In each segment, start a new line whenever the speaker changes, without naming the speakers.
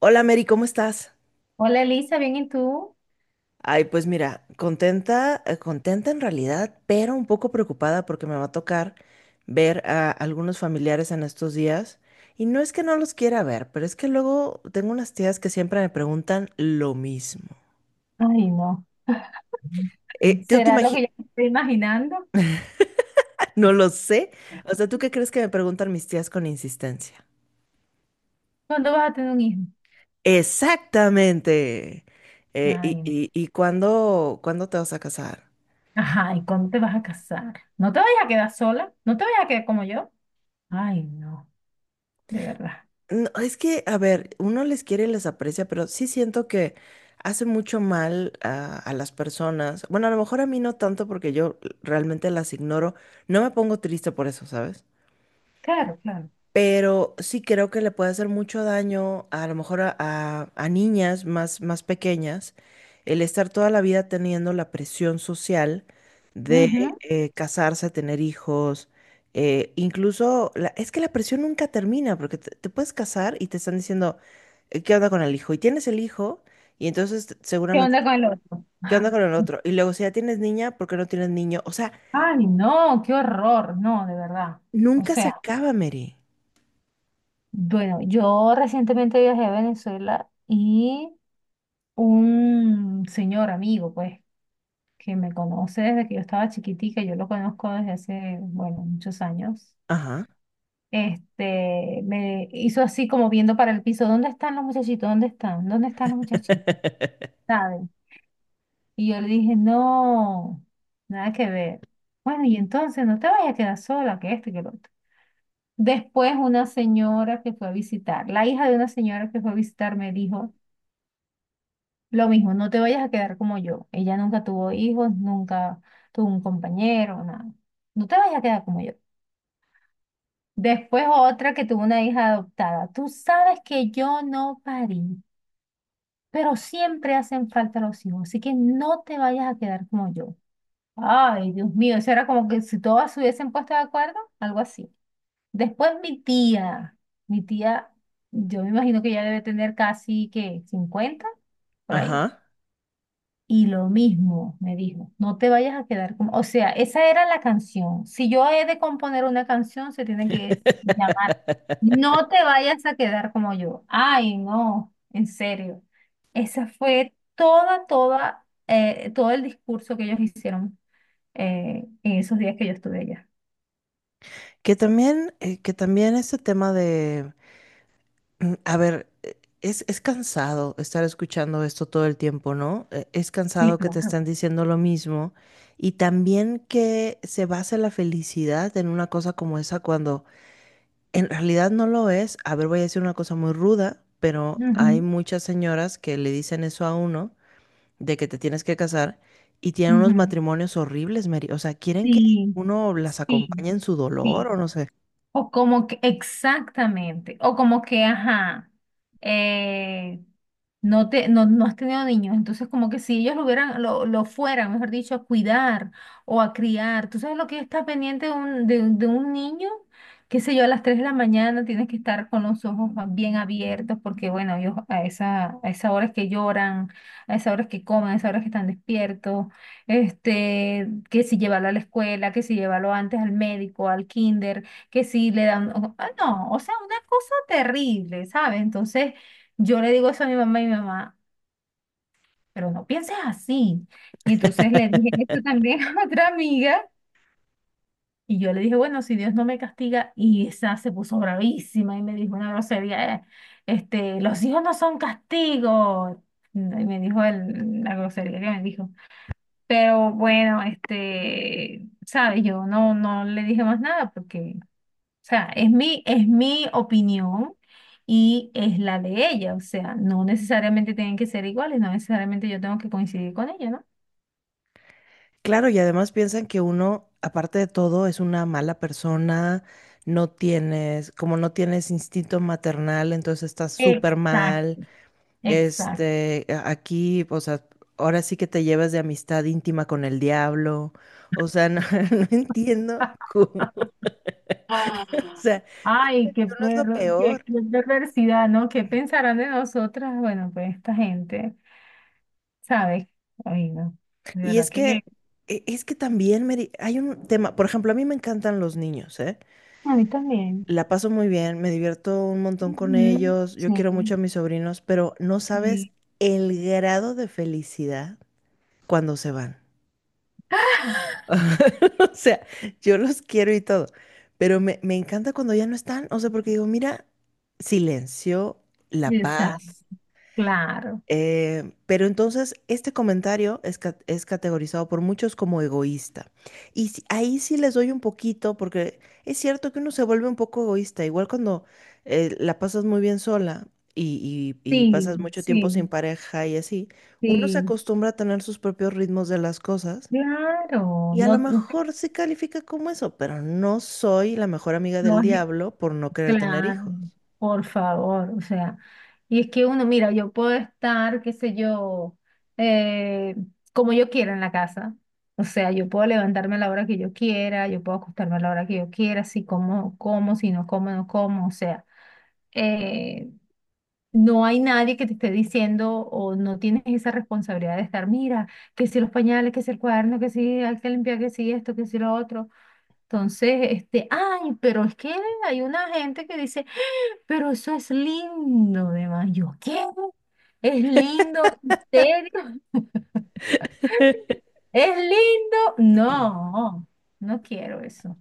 Hola Mary, ¿cómo estás?
Hola Elisa, ¿bien y tú?
Ay, pues mira, contenta, contenta en realidad, pero un poco preocupada porque me va a tocar ver a algunos familiares en estos días. Y no es que no los quiera ver, pero es que luego tengo unas tías que siempre me preguntan lo mismo.
Ay, no.
¿tú te
¿Será lo que
imaginas?
yo me estoy imaginando?
No lo sé. O sea, ¿tú qué crees que me preguntan mis tías con insistencia?
¿Cuándo vas a tener un hijo?
Exactamente. Eh, y,
Ay, no.
y, y cuándo te vas a casar?
Ajá, ¿y cuándo te vas a casar? ¿No te vayas a quedar sola? ¿No te vayas a quedar como yo? Ay, no, de verdad.
No, es que, a ver, uno les quiere y les aprecia, pero sí siento que hace mucho mal a las personas. Bueno, a lo mejor a mí no tanto porque yo realmente las ignoro. No me pongo triste por eso, ¿sabes?
Claro, claro.
Pero sí creo que le puede hacer mucho daño a lo mejor a, a niñas más pequeñas el estar toda la vida teniendo la presión social de
Ujú.
casarse, tener hijos, incluso es que la presión nunca termina porque te, puedes casar y te están diciendo, ¿qué onda con el hijo? Y tienes el hijo y entonces
¿Qué
seguramente,
onda con el otro?
¿qué onda con el otro? Y luego si ya tienes niña, ¿por qué no tienes niño? O sea,
Ay, no, qué horror, no, de verdad. O
nunca se
sea,
acaba, Mary.
bueno, yo recientemente viajé a Venezuela y un señor amigo, pues, que me conoce desde que yo estaba chiquitica, yo lo conozco desde hace, bueno, muchos años,
Ajá.
este, me hizo así como viendo para el piso, ¿dónde están los muchachitos? ¿Dónde están? ¿Dónde están los muchachitos? ¿Sabes? Y yo le dije, no, nada que ver. Bueno, y entonces no te vayas a quedar sola, que esto y que lo otro. Después una señora que fue a visitar, la hija de una señora que fue a visitar me dijo, lo mismo, no te vayas a quedar como yo. Ella nunca tuvo hijos, nunca tuvo un compañero, nada. No te vayas a quedar como yo. Después otra que tuvo una hija adoptada. Tú sabes que yo no parí, pero siempre hacen falta los hijos, así que no te vayas a quedar como yo. Ay, Dios mío, eso era como que si todas se hubiesen puesto de acuerdo, algo así. Después mi tía, yo me imagino que ya debe tener casi que 50 por ahí.
Ajá.
Y lo mismo me dijo, no te vayas a quedar como, o sea, esa era la canción. Si yo he de componer una canción, se tiene que llamar, no te vayas a quedar como yo. Ay, no, en serio. Esa fue todo el discurso que ellos hicieron en esos días que yo estuve allá.
Que también este tema de, a ver, es cansado estar escuchando esto todo el tiempo, ¿no? Es
Sí,
cansado que te
claro.
están diciendo lo mismo y también que se base la felicidad en una cosa como esa cuando en realidad no lo es. A ver, voy a decir una cosa muy ruda, pero hay
Ujú,
muchas señoras que le dicen eso a uno de que te tienes que casar y tienen unos
ujú.
matrimonios horribles, Mary. O sea, quieren que
Sí,
uno las acompañe
sí,
en su dolor o
sí.
no sé.
O como que, exactamente, o como que, ajá, eh, no te, no, no has tenido niños, entonces como que si ellos lo fueran, mejor dicho, a cuidar o a criar, tú sabes lo que está pendiente de un, de, un de un niño, qué sé yo, a las 3 de la mañana tienes que estar con los ojos bien abiertos, porque bueno, ellos a esa hora es que lloran, a esa hora es que comen, a esa hora es que están despiertos, este, que si llevarlo a la escuela, que si llevarlo antes al médico, al kinder que sí le dan, ah, no, o sea, una cosa terrible, ¿sabes? Entonces yo le digo eso a mi mamá y mi mamá, pero no pienses así. Y entonces le dije eso también a otra amiga y yo le dije, bueno, si Dios no me castiga, y esa se puso bravísima y me dijo una grosería, este, los hijos no son castigo. Y me dijo la grosería que me dijo. Pero bueno, este, ¿sabes? Yo no le dije más nada porque. O sea, es mi opinión y es la de ella. O sea, no necesariamente tienen que ser iguales, no necesariamente yo tengo que coincidir con ella, ¿no?
Claro, y además piensan que uno, aparte de todo, es una mala persona, no tienes, como no tienes instinto maternal, entonces estás súper mal.
Exacto. Exacto.
Este, aquí, o sea, ahora sí que te llevas de amistad íntima con el diablo. O sea, no, no entiendo cómo. O sea,
Ay, qué
uno es lo
perro, qué,
peor.
qué perversidad, ¿no? ¿Qué pensarán de nosotras? Bueno, pues esta gente, ¿sabes? Ay, no, de
Y
verdad
es
que
que, es que también, Mary, hay un tema, por ejemplo, a mí me encantan los niños, ¿eh?
a mí también.
La paso muy bien, me divierto un montón con
Ujú,
ellos, yo
sí,
quiero mucho a mis sobrinos, pero no sabes
sí,
el grado de felicidad cuando se van. O sea, yo los quiero y todo, pero me encanta cuando ya no están, o sea, porque digo, mira, silencio, la
exacto,
paz.
claro.
Pero entonces este comentario es, es categorizado por muchos como egoísta. Y ahí sí les doy un poquito, porque es cierto que uno se vuelve un poco egoísta, igual cuando la pasas muy bien sola y, y
Sí,
pasas mucho tiempo
sí,
sin pareja y así, uno se
sí.
acostumbra a tener sus propios ritmos de las cosas
Claro,
y a lo
no,
mejor se califica como eso, pero no soy la mejor amiga
no
del
es,
diablo por no querer tener
claro,
hijos.
por favor, o sea, y es que uno, mira, yo puedo estar, qué sé yo, eh, como yo quiera en la casa, o sea, yo puedo levantarme a la hora que yo quiera, yo puedo acostarme a la hora que yo quiera, si como, como, si no como, no como, o sea, eh, no hay nadie que te esté diciendo o no tienes esa responsabilidad de estar, mira, que si los pañales, que si el cuaderno, que si hay que limpiar, que si esto, que si lo otro. Entonces, este, ay, pero es que hay una gente que dice, pero eso es lindo, demás. Yo, ¿qué? ¿Es lindo? ¿En serio? ¿Es lindo? No, no quiero eso.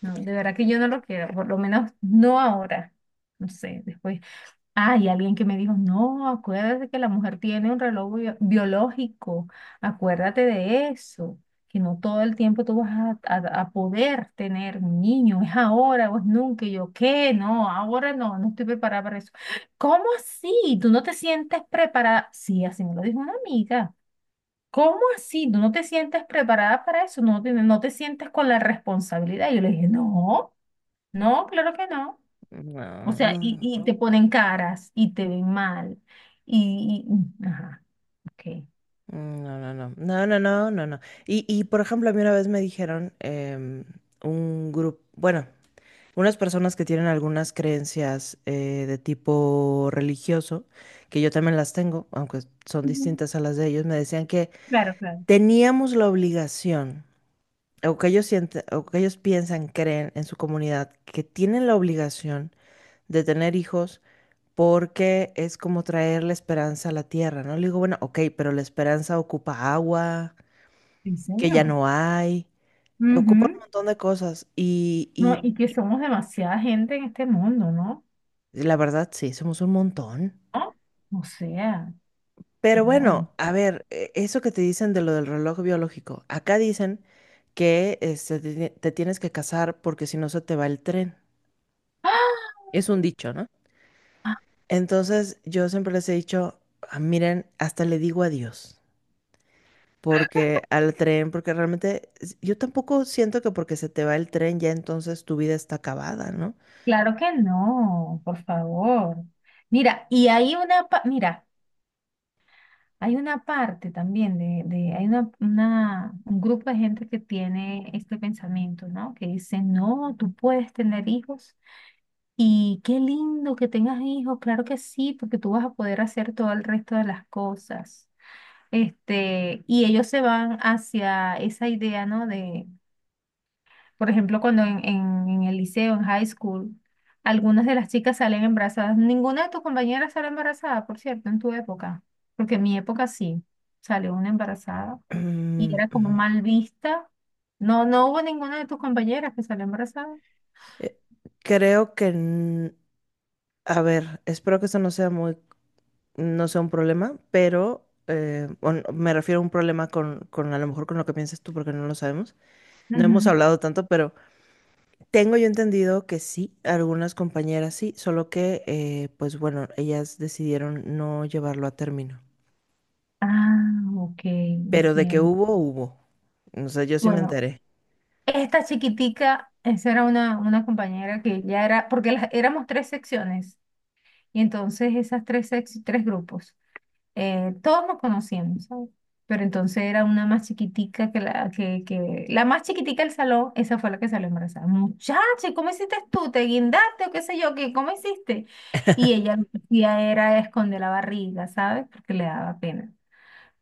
No, de verdad que yo no lo quiero, por lo menos no ahora. No sé, después. Ah, alguien que me dijo, no, acuérdate que la mujer tiene un reloj biológico, acuérdate de eso, que no todo el tiempo tú vas a poder tener un niño, es ahora o es nunca. Y yo, ¿qué? No, ahora no estoy preparada para eso. ¿Cómo así? ¿Tú no te sientes preparada? Sí, así me lo dijo una amiga. ¿Cómo así? ¿Tú no te sientes preparada para eso? ¿No te sientes con la responsabilidad? Y yo le dije, no, no, claro que no. O
No,
sea, y,
no.
y te ponen caras y te ven mal. Ajá, ok.
No, no, no, no, no, no, no, no. Y por ejemplo, a mí una vez me dijeron un grupo, bueno, unas personas que tienen algunas creencias de tipo religioso, que yo también las tengo, aunque son
Ujú.
distintas a las de ellos, me decían que
Claro, claro.
teníamos la obligación, o que ellos sienten, o que ellos piensan, creen en su comunidad, que tienen la obligación de tener hijos porque es como traer la esperanza a la tierra, ¿no? Le digo, bueno, ok, pero la esperanza ocupa agua
Sí,
que ya
señor.
no hay. Ocupa
Ujú.
un montón de cosas
No,
y
y que somos demasiada gente en este mundo, ¿no?
la verdad sí, somos un montón.
¿No? O sea,
Pero
no.
bueno, a ver, eso que te dicen de lo del reloj biológico, acá dicen que este, te tienes que casar porque si no se te va el tren. Es un dicho, ¿no?
¡Ah!
Entonces yo siempre les he dicho, "Ah, miren, hasta le digo adiós. Porque al tren, porque realmente yo tampoco siento que porque se te va el tren ya entonces tu vida está acabada, ¿no?
Claro que no, por favor. Mira, y hay una, mira. Hay una parte también de hay una- un grupo de gente que tiene este pensamiento, ¿no? Que dice, no, tú puedes tener hijos y qué lindo que tengas hijos, claro que sí, porque tú vas a poder hacer todo el resto de las cosas. Este, y ellos se van hacia esa idea, ¿no? de por ejemplo, cuando en el liceo, en high school, algunas de las chicas salen embarazadas. Ninguna de tus compañeras sale embarazada, por cierto, en tu época. Porque en mi época sí, salió una embarazada y era como mal vista. No, no hubo ninguna de tus compañeras que salió embarazada.
Creo que, a ver, espero que eso no sea muy, no sea un problema, pero me refiero a un problema con a lo mejor con lo que piensas tú, porque no lo sabemos. No hemos
Ujú.
hablado tanto, pero tengo yo entendido que sí, algunas compañeras sí, solo que, pues bueno, ellas decidieron no llevarlo a término.
Ah, ok,
Pero de que
entiendo.
hubo, hubo. O sea, yo sí me
Bueno,
enteré.
esta chiquitica, esa era una compañera que ya era, porque éramos tres secciones, y entonces esas tres grupos. Todos nos conocíamos, ¿sabes? Pero entonces era una más chiquitica que que la más chiquitica del salón, esa fue la que salió embarazada. Muchacha, ¿y cómo hiciste tú? ¿Te guindaste o qué sé yo? ¿Qué, cómo hiciste? Y ella lo que hacía era esconder la barriga, ¿sabes? Porque le daba pena.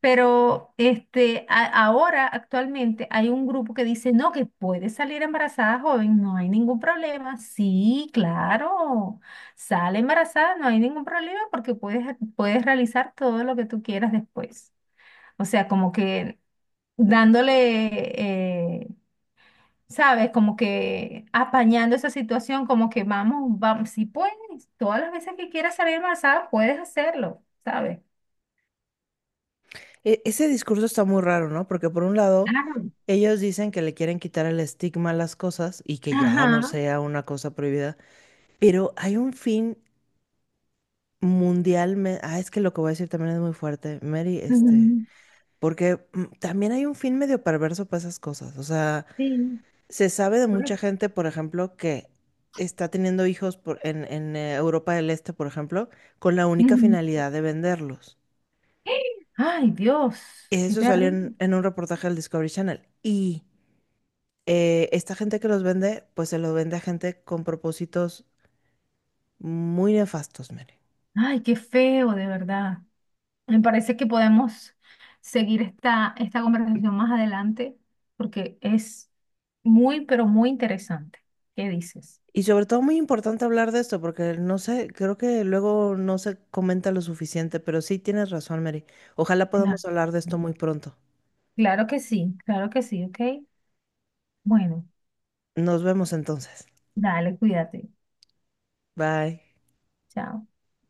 Pero este, ahora, actualmente, hay un grupo que dice, no, que puede salir embarazada joven, no hay ningún problema. Sí, claro, sale embarazada, no hay ningún problema porque puedes realizar todo lo que tú quieras después. O sea, como que dándole, eh, ¿sabes? Como que apañando esa situación, como que vamos, vamos, si puedes, todas las veces que quieras salir embarazada, puedes hacerlo, ¿sabes?
E- ese discurso está muy raro, ¿no? Porque por un lado...
Claro.
Ellos dicen que le quieren quitar el estigma a las cosas y que ya no
Ajá.
sea una cosa prohibida. Pero hay un fin mundial. Ah, es que lo que voy a decir también es muy fuerte, Mary, este.
Ujú,
Porque también hay un fin medio perverso para esas cosas. O sea,
sí.
se sabe de mucha gente, por ejemplo, que está teniendo hijos en, en Europa del Este, por ejemplo, con la única
Ujú.
finalidad de venderlos.
Ay, Dios, qué
Eso salió
terrible.
en un reportaje del Discovery Channel. Y esta gente que los vende, pues se los vende a gente con propósitos muy nefastos, Mary.
Ay, qué feo, de verdad. Me parece que podemos seguir esta conversación más adelante porque es muy, pero muy interesante. ¿Qué dices?
Y sobre todo muy importante hablar de esto, porque no sé, creo que luego no se comenta lo suficiente, pero sí tienes razón, Mary. Ojalá
Claro.
podamos hablar de esto muy pronto.
Claro que sí, ¿ok? Bueno,
Nos vemos entonces.
dale, cuídate.
Bye.
Chao.